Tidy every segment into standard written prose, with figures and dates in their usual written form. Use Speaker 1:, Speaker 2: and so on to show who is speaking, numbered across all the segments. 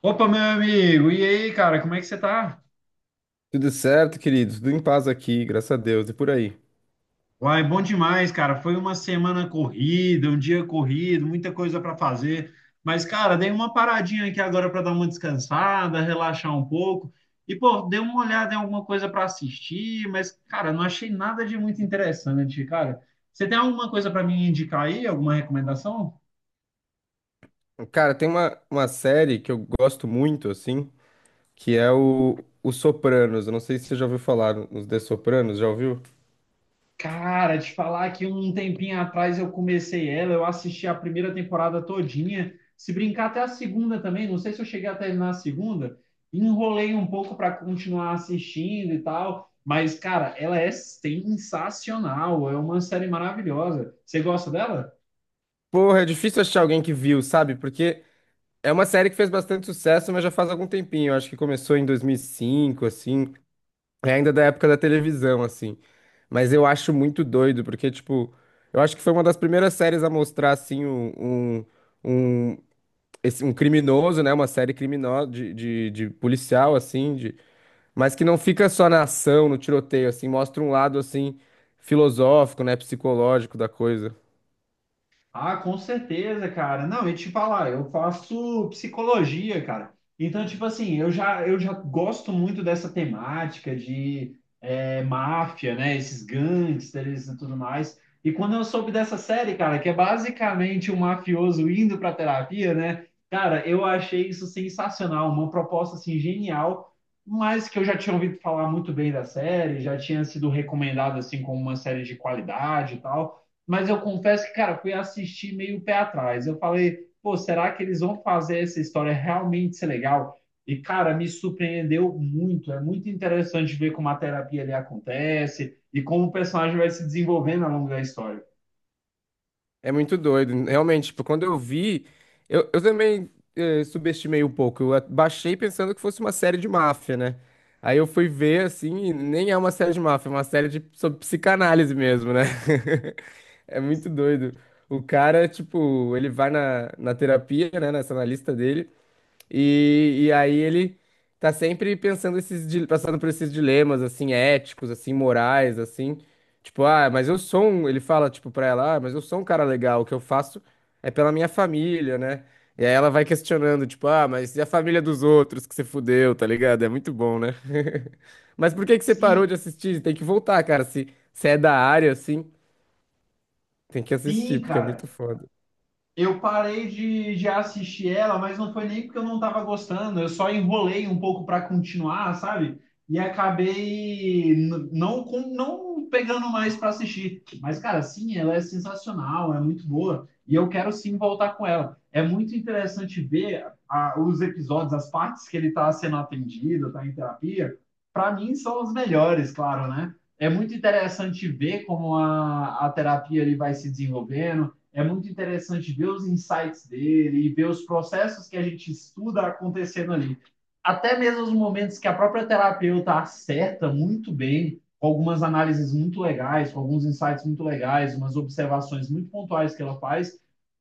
Speaker 1: Opa, meu amigo! E aí, cara, como é que você tá?
Speaker 2: Tudo certo, querido? Tudo em paz aqui, graças a Deus, e por aí.
Speaker 1: Uai, bom demais, cara. Foi uma semana corrida, um dia corrido, muita coisa para fazer. Mas, cara, dei uma paradinha aqui agora para dar uma descansada, relaxar um pouco. E, pô, dei uma olhada em alguma coisa para assistir, mas, cara, não achei nada de muito interessante, cara. Você tem alguma coisa para me indicar aí? Alguma recomendação?
Speaker 2: Cara, tem uma série que eu gosto muito, assim, que é o Sopranos. Eu não sei se você já ouviu falar nos The Sopranos, já ouviu?
Speaker 1: Cara, te falar que um tempinho atrás eu comecei ela, eu assisti a primeira temporada todinha, se brincar até a segunda também, não sei se eu cheguei a terminar a segunda, enrolei um pouco para continuar assistindo e tal, mas cara, ela é sensacional, é uma série maravilhosa. Você gosta dela?
Speaker 2: Porra, é difícil achar alguém que viu, sabe? Porque é uma série que fez bastante sucesso, mas já faz algum tempinho. Eu acho que começou em 2005, assim, é ainda da época da televisão, assim. Mas eu acho muito doido, porque, tipo, eu acho que foi uma das primeiras séries a mostrar, assim, um- um- um criminoso, né? Uma série criminosa de policial, assim, de, mas que não fica só na ação, no tiroteio, assim, mostra um lado assim filosófico, né? Psicológico da coisa.
Speaker 1: Ah, com certeza, cara. Não, e te falar, eu faço psicologia, cara. Então, tipo assim, eu já gosto muito dessa temática de máfia, né? Esses gangsters e tudo mais. E quando eu soube dessa série, cara, que é basicamente um mafioso indo pra terapia, né? Cara, eu achei isso sensacional, uma proposta assim genial, mas que eu já tinha ouvido falar muito bem da série, já tinha sido recomendado assim como uma série de qualidade e tal. Mas eu confesso que, cara, fui assistir meio pé atrás. Eu falei, pô, será que eles vão fazer essa história realmente ser legal? E, cara, me surpreendeu muito. É muito interessante ver como a terapia ali acontece e como o personagem vai se desenvolvendo ao longo da história.
Speaker 2: É muito doido. Realmente, tipo, quando eu vi, eu também subestimei um pouco. Baixei pensando que fosse uma série de máfia, né? Aí eu fui ver, assim, e nem é uma série de máfia, é uma série de, sobre psicanálise mesmo, né? É muito doido. O cara, tipo, ele vai na terapia, né, nessa analista dele. E aí ele tá sempre pensando passando por esses dilemas, assim, éticos, assim, morais, assim. Tipo, ah, mas eu sou um, ele fala, tipo, pra ela, ah, mas eu sou um cara legal, o que eu faço é pela minha família, né? E aí ela vai questionando, tipo, ah, mas e a família dos outros que você fudeu, tá ligado? É muito bom, né? Mas por que que você parou
Speaker 1: Sim,
Speaker 2: de assistir? Tem que voltar, cara, se é da área, assim, tem que
Speaker 1: sim,
Speaker 2: assistir, porque é
Speaker 1: cara.
Speaker 2: muito foda.
Speaker 1: Eu parei de assistir ela, mas não foi nem porque eu não estava gostando, eu só enrolei um pouco para continuar, sabe? E acabei não pegando mais para assistir. Mas, cara, sim, ela é sensacional, é muito boa, e eu quero sim voltar com ela. É muito interessante ver os episódios, as partes que ele está sendo atendido, está em terapia. Para mim, são os melhores, claro, né? É muito interessante ver como a terapia ele vai se desenvolvendo é muito interessante ver os insights dele e ver os processos que a gente estuda acontecendo ali. Até mesmo os momentos que a própria terapeuta acerta muito bem, com algumas análises muito legais, com alguns insights muito legais, umas observações muito pontuais que ela faz,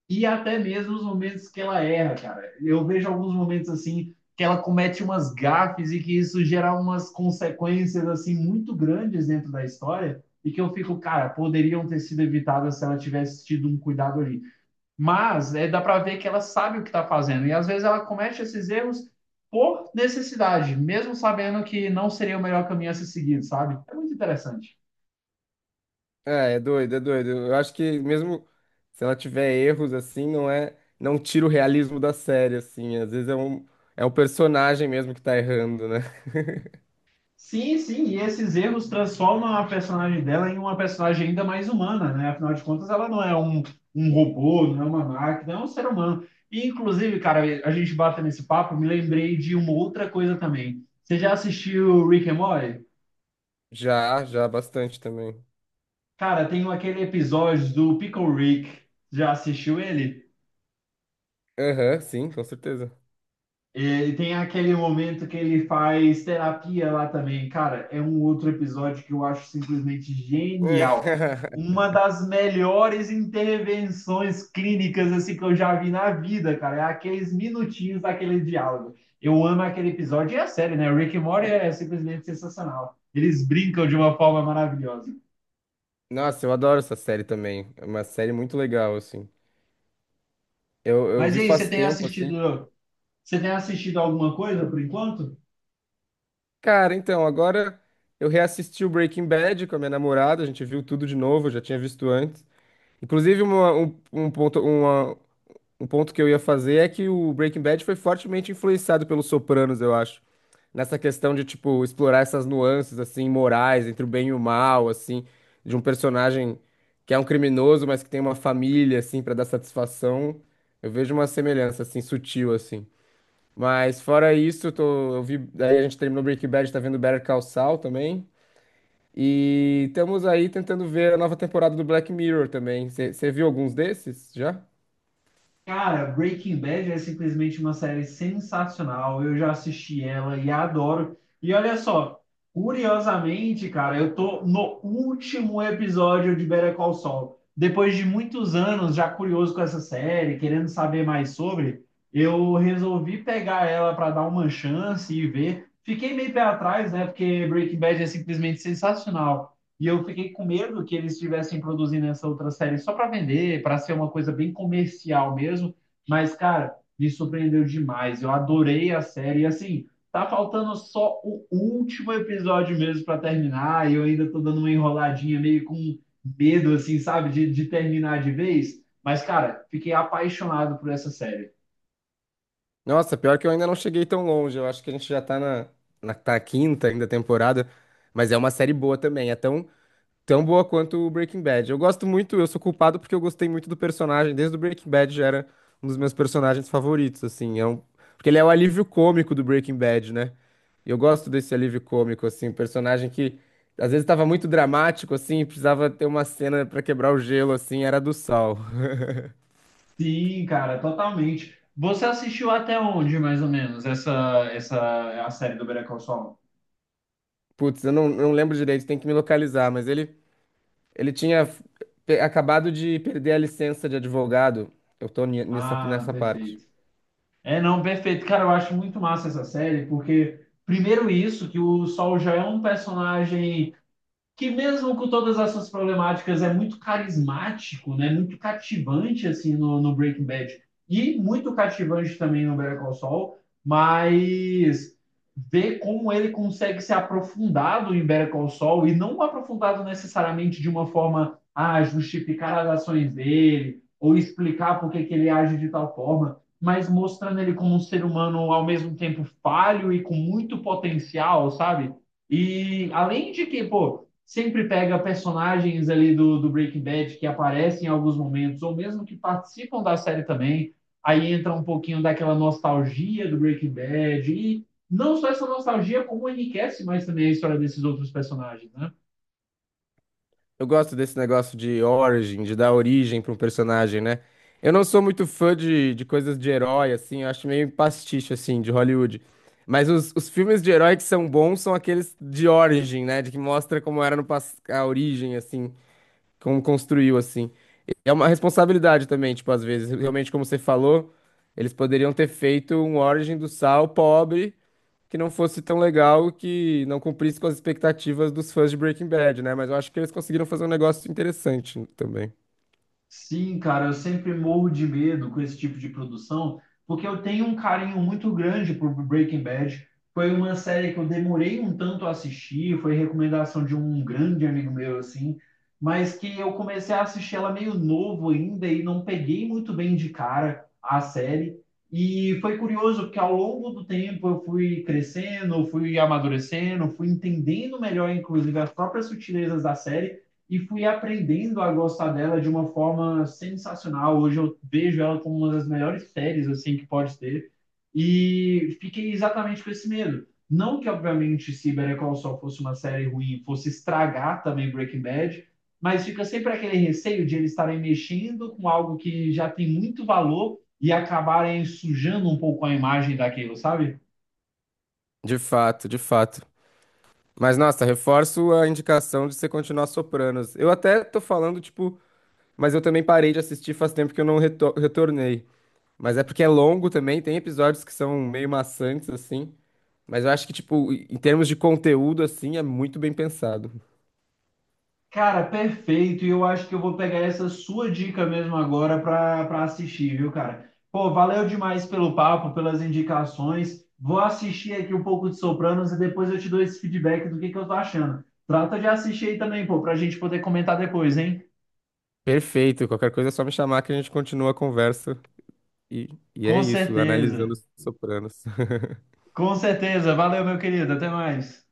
Speaker 1: e até mesmo os momentos que ela erra, cara. Eu vejo alguns momentos assim que ela comete umas gafes e que isso gera umas consequências assim muito grandes dentro da história e que eu fico, cara, poderiam ter sido evitadas se ela tivesse tido um cuidado ali. Mas é, dá para ver que ela sabe o que está fazendo e às vezes ela comete esses erros por necessidade, mesmo sabendo que não seria o melhor caminho a ser seguido, sabe? É muito interessante.
Speaker 2: É, é doido, é doido. Eu acho que mesmo se ela tiver erros assim, não é, não tira o realismo da série assim. Às vezes é é o personagem mesmo que tá errando, né?
Speaker 1: Sim, sim, e esses erros transformam a personagem dela em uma personagem ainda mais humana, né? Afinal de contas, ela não é um robô, não é uma máquina, é um ser humano. E, inclusive, cara, a gente bate nesse papo, me lembrei de uma outra coisa também. Você já assistiu Rick and Morty?
Speaker 2: Já, já bastante também.
Speaker 1: Cara, tem aquele episódio do Pickle Rick. Já assistiu ele?
Speaker 2: Aham, sim, com certeza.
Speaker 1: E tem aquele momento que ele faz terapia lá também. Cara, é um outro episódio que eu acho simplesmente genial. Uma das melhores intervenções clínicas assim que eu já vi na vida, cara. É aqueles minutinhos daquele diálogo. Eu amo aquele episódio e a série, né? Rick and Morty é simplesmente sensacional. Eles brincam de uma forma maravilhosa.
Speaker 2: Nossa, eu adoro essa série também. É uma série muito legal assim. Eu
Speaker 1: Mas
Speaker 2: vi
Speaker 1: e aí,
Speaker 2: faz tempo assim.
Speaker 1: você tem assistido alguma coisa por enquanto?
Speaker 2: Cara, então, agora eu reassisti o Breaking Bad com a minha namorada, a gente viu tudo de novo, eu já tinha visto antes. Inclusive, uma, um ponto, uma, um ponto que eu ia fazer é que o Breaking Bad foi fortemente influenciado pelos Sopranos, eu acho. Nessa questão de, tipo, explorar essas nuances, assim, morais, entre o bem e o mal, assim, de um personagem que é um criminoso, mas que tem uma família, assim, pra dar satisfação. Eu vejo uma semelhança, assim, sutil, assim. Mas fora isso, eu vi, aí a gente terminou Breaking Bad, tá vendo Better Call Saul também. E estamos aí tentando ver a nova temporada do Black Mirror também. Você viu alguns desses já?
Speaker 1: Cara, Breaking Bad é simplesmente uma série sensacional. Eu já assisti ela e adoro. E olha só, curiosamente, cara, eu tô no último episódio de Better Call Saul. Depois de muitos anos já curioso com essa série, querendo saber mais sobre, eu resolvi pegar ela para dar uma chance e ver. Fiquei meio pé atrás, né? Porque Breaking Bad é simplesmente sensacional. E eu fiquei com medo que eles estivessem produzindo essa outra série só para vender, para ser uma coisa bem comercial mesmo. Mas, cara, me surpreendeu demais. Eu adorei a série. E, assim, tá faltando só o último episódio mesmo para terminar. E eu ainda tô dando uma enroladinha meio com medo, assim, sabe, de terminar de vez. Mas, cara, fiquei apaixonado por essa série.
Speaker 2: Nossa, pior que eu ainda não cheguei tão longe. Eu acho que a gente já tá na quinta ainda temporada, mas é uma série boa também. É tão, tão boa quanto o Breaking Bad. Eu gosto muito, eu sou culpado porque eu gostei muito do personagem. Desde o Breaking Bad já era um dos meus personagens favoritos, assim. É um, porque ele é o alívio cômico do Breaking Bad, né? E eu gosto desse alívio cômico, assim, um personagem que às vezes estava muito dramático, assim, precisava ter uma cena pra quebrar o gelo, assim, era a do Saul.
Speaker 1: Sim, cara, totalmente. Você assistiu até onde, mais ou menos, essa a série do Better Call Saul?
Speaker 2: Putz, eu não, não lembro direito, tem que me localizar, mas ele. Ele tinha acabado de perder a licença de advogado. Eu tô
Speaker 1: Ah,
Speaker 2: nessa parte.
Speaker 1: perfeito. É, não, perfeito. Cara, eu acho muito massa essa série, porque, primeiro, isso, que o Sol já é um personagem que mesmo com todas as suas problemáticas é muito carismático, né? Muito cativante assim no Breaking Bad e muito cativante também no Better Call Saul, mas ver como ele consegue ser aprofundado em Better Call Saul e não aprofundado necessariamente de uma forma a ah, justificar as ações dele ou explicar por que ele age de tal forma, mas mostrando ele como um ser humano ao mesmo tempo falho e com muito potencial, sabe? E além de que, pô, sempre pega personagens ali do Breaking Bad que aparecem em alguns momentos, ou mesmo que participam da série também. Aí entra um pouquinho daquela nostalgia do Breaking Bad. E não só essa nostalgia, como enriquece mais também a história desses outros personagens, né?
Speaker 2: Eu gosto desse negócio de origin, de dar origem para um personagem, né? Eu não sou muito fã de coisas de herói, assim, eu acho meio pastiche, assim, de Hollywood. Mas os filmes de herói que são bons são aqueles de origin, né? De que mostra como era no pas- a origem, assim, como construiu, assim. É uma responsabilidade também, tipo, às vezes, realmente, como você falou, eles poderiam ter feito um origin do Saul pobre que não fosse tão legal, que não cumprisse com as expectativas dos fãs de Breaking Bad, né? Mas eu acho que eles conseguiram fazer um negócio interessante também.
Speaker 1: Sim, cara, eu sempre morro de medo com esse tipo de produção, porque eu tenho um carinho muito grande por Breaking Bad. Foi uma série que eu demorei um tanto a assistir, foi recomendação de um grande amigo meu, assim, mas que eu comecei a assistir ela meio novo ainda e não peguei muito bem de cara a série. E foi curioso, porque ao longo do tempo eu fui crescendo, fui amadurecendo, fui entendendo melhor, inclusive, as próprias sutilezas da série e fui aprendendo a gostar dela de uma forma sensacional. Hoje eu vejo ela como uma das melhores séries assim que pode ter e fiquei exatamente com esse medo. Não que obviamente se Better Call Saul fosse uma série ruim, fosse estragar também Breaking Bad, mas fica sempre aquele receio de eles estarem mexendo com algo que já tem muito valor e acabarem sujando um pouco a imagem daquilo, sabe?
Speaker 2: De fato, de fato. Mas nossa, reforço a indicação de você continuar Sopranos. Eu até tô falando, tipo, mas eu também parei de assistir faz tempo que eu não retornei. Mas é porque é longo também, tem episódios que são meio maçantes, assim. Mas eu acho que, tipo, em termos de conteúdo, assim, é muito bem pensado.
Speaker 1: Cara, perfeito. E eu acho que eu vou pegar essa sua dica mesmo agora para assistir, viu, cara? Pô, valeu demais pelo papo, pelas indicações. Vou assistir aqui um pouco de Sopranos e depois eu te dou esse feedback do que eu tô achando. Trata de assistir aí também, pô, pra gente poder comentar depois, hein?
Speaker 2: Perfeito, qualquer coisa é só me chamar que a gente continua a conversa. E, e é
Speaker 1: Com
Speaker 2: isso,
Speaker 1: certeza.
Speaker 2: analisando os Sopranos.
Speaker 1: Com certeza. Valeu, meu querido. Até mais.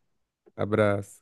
Speaker 2: Abraço.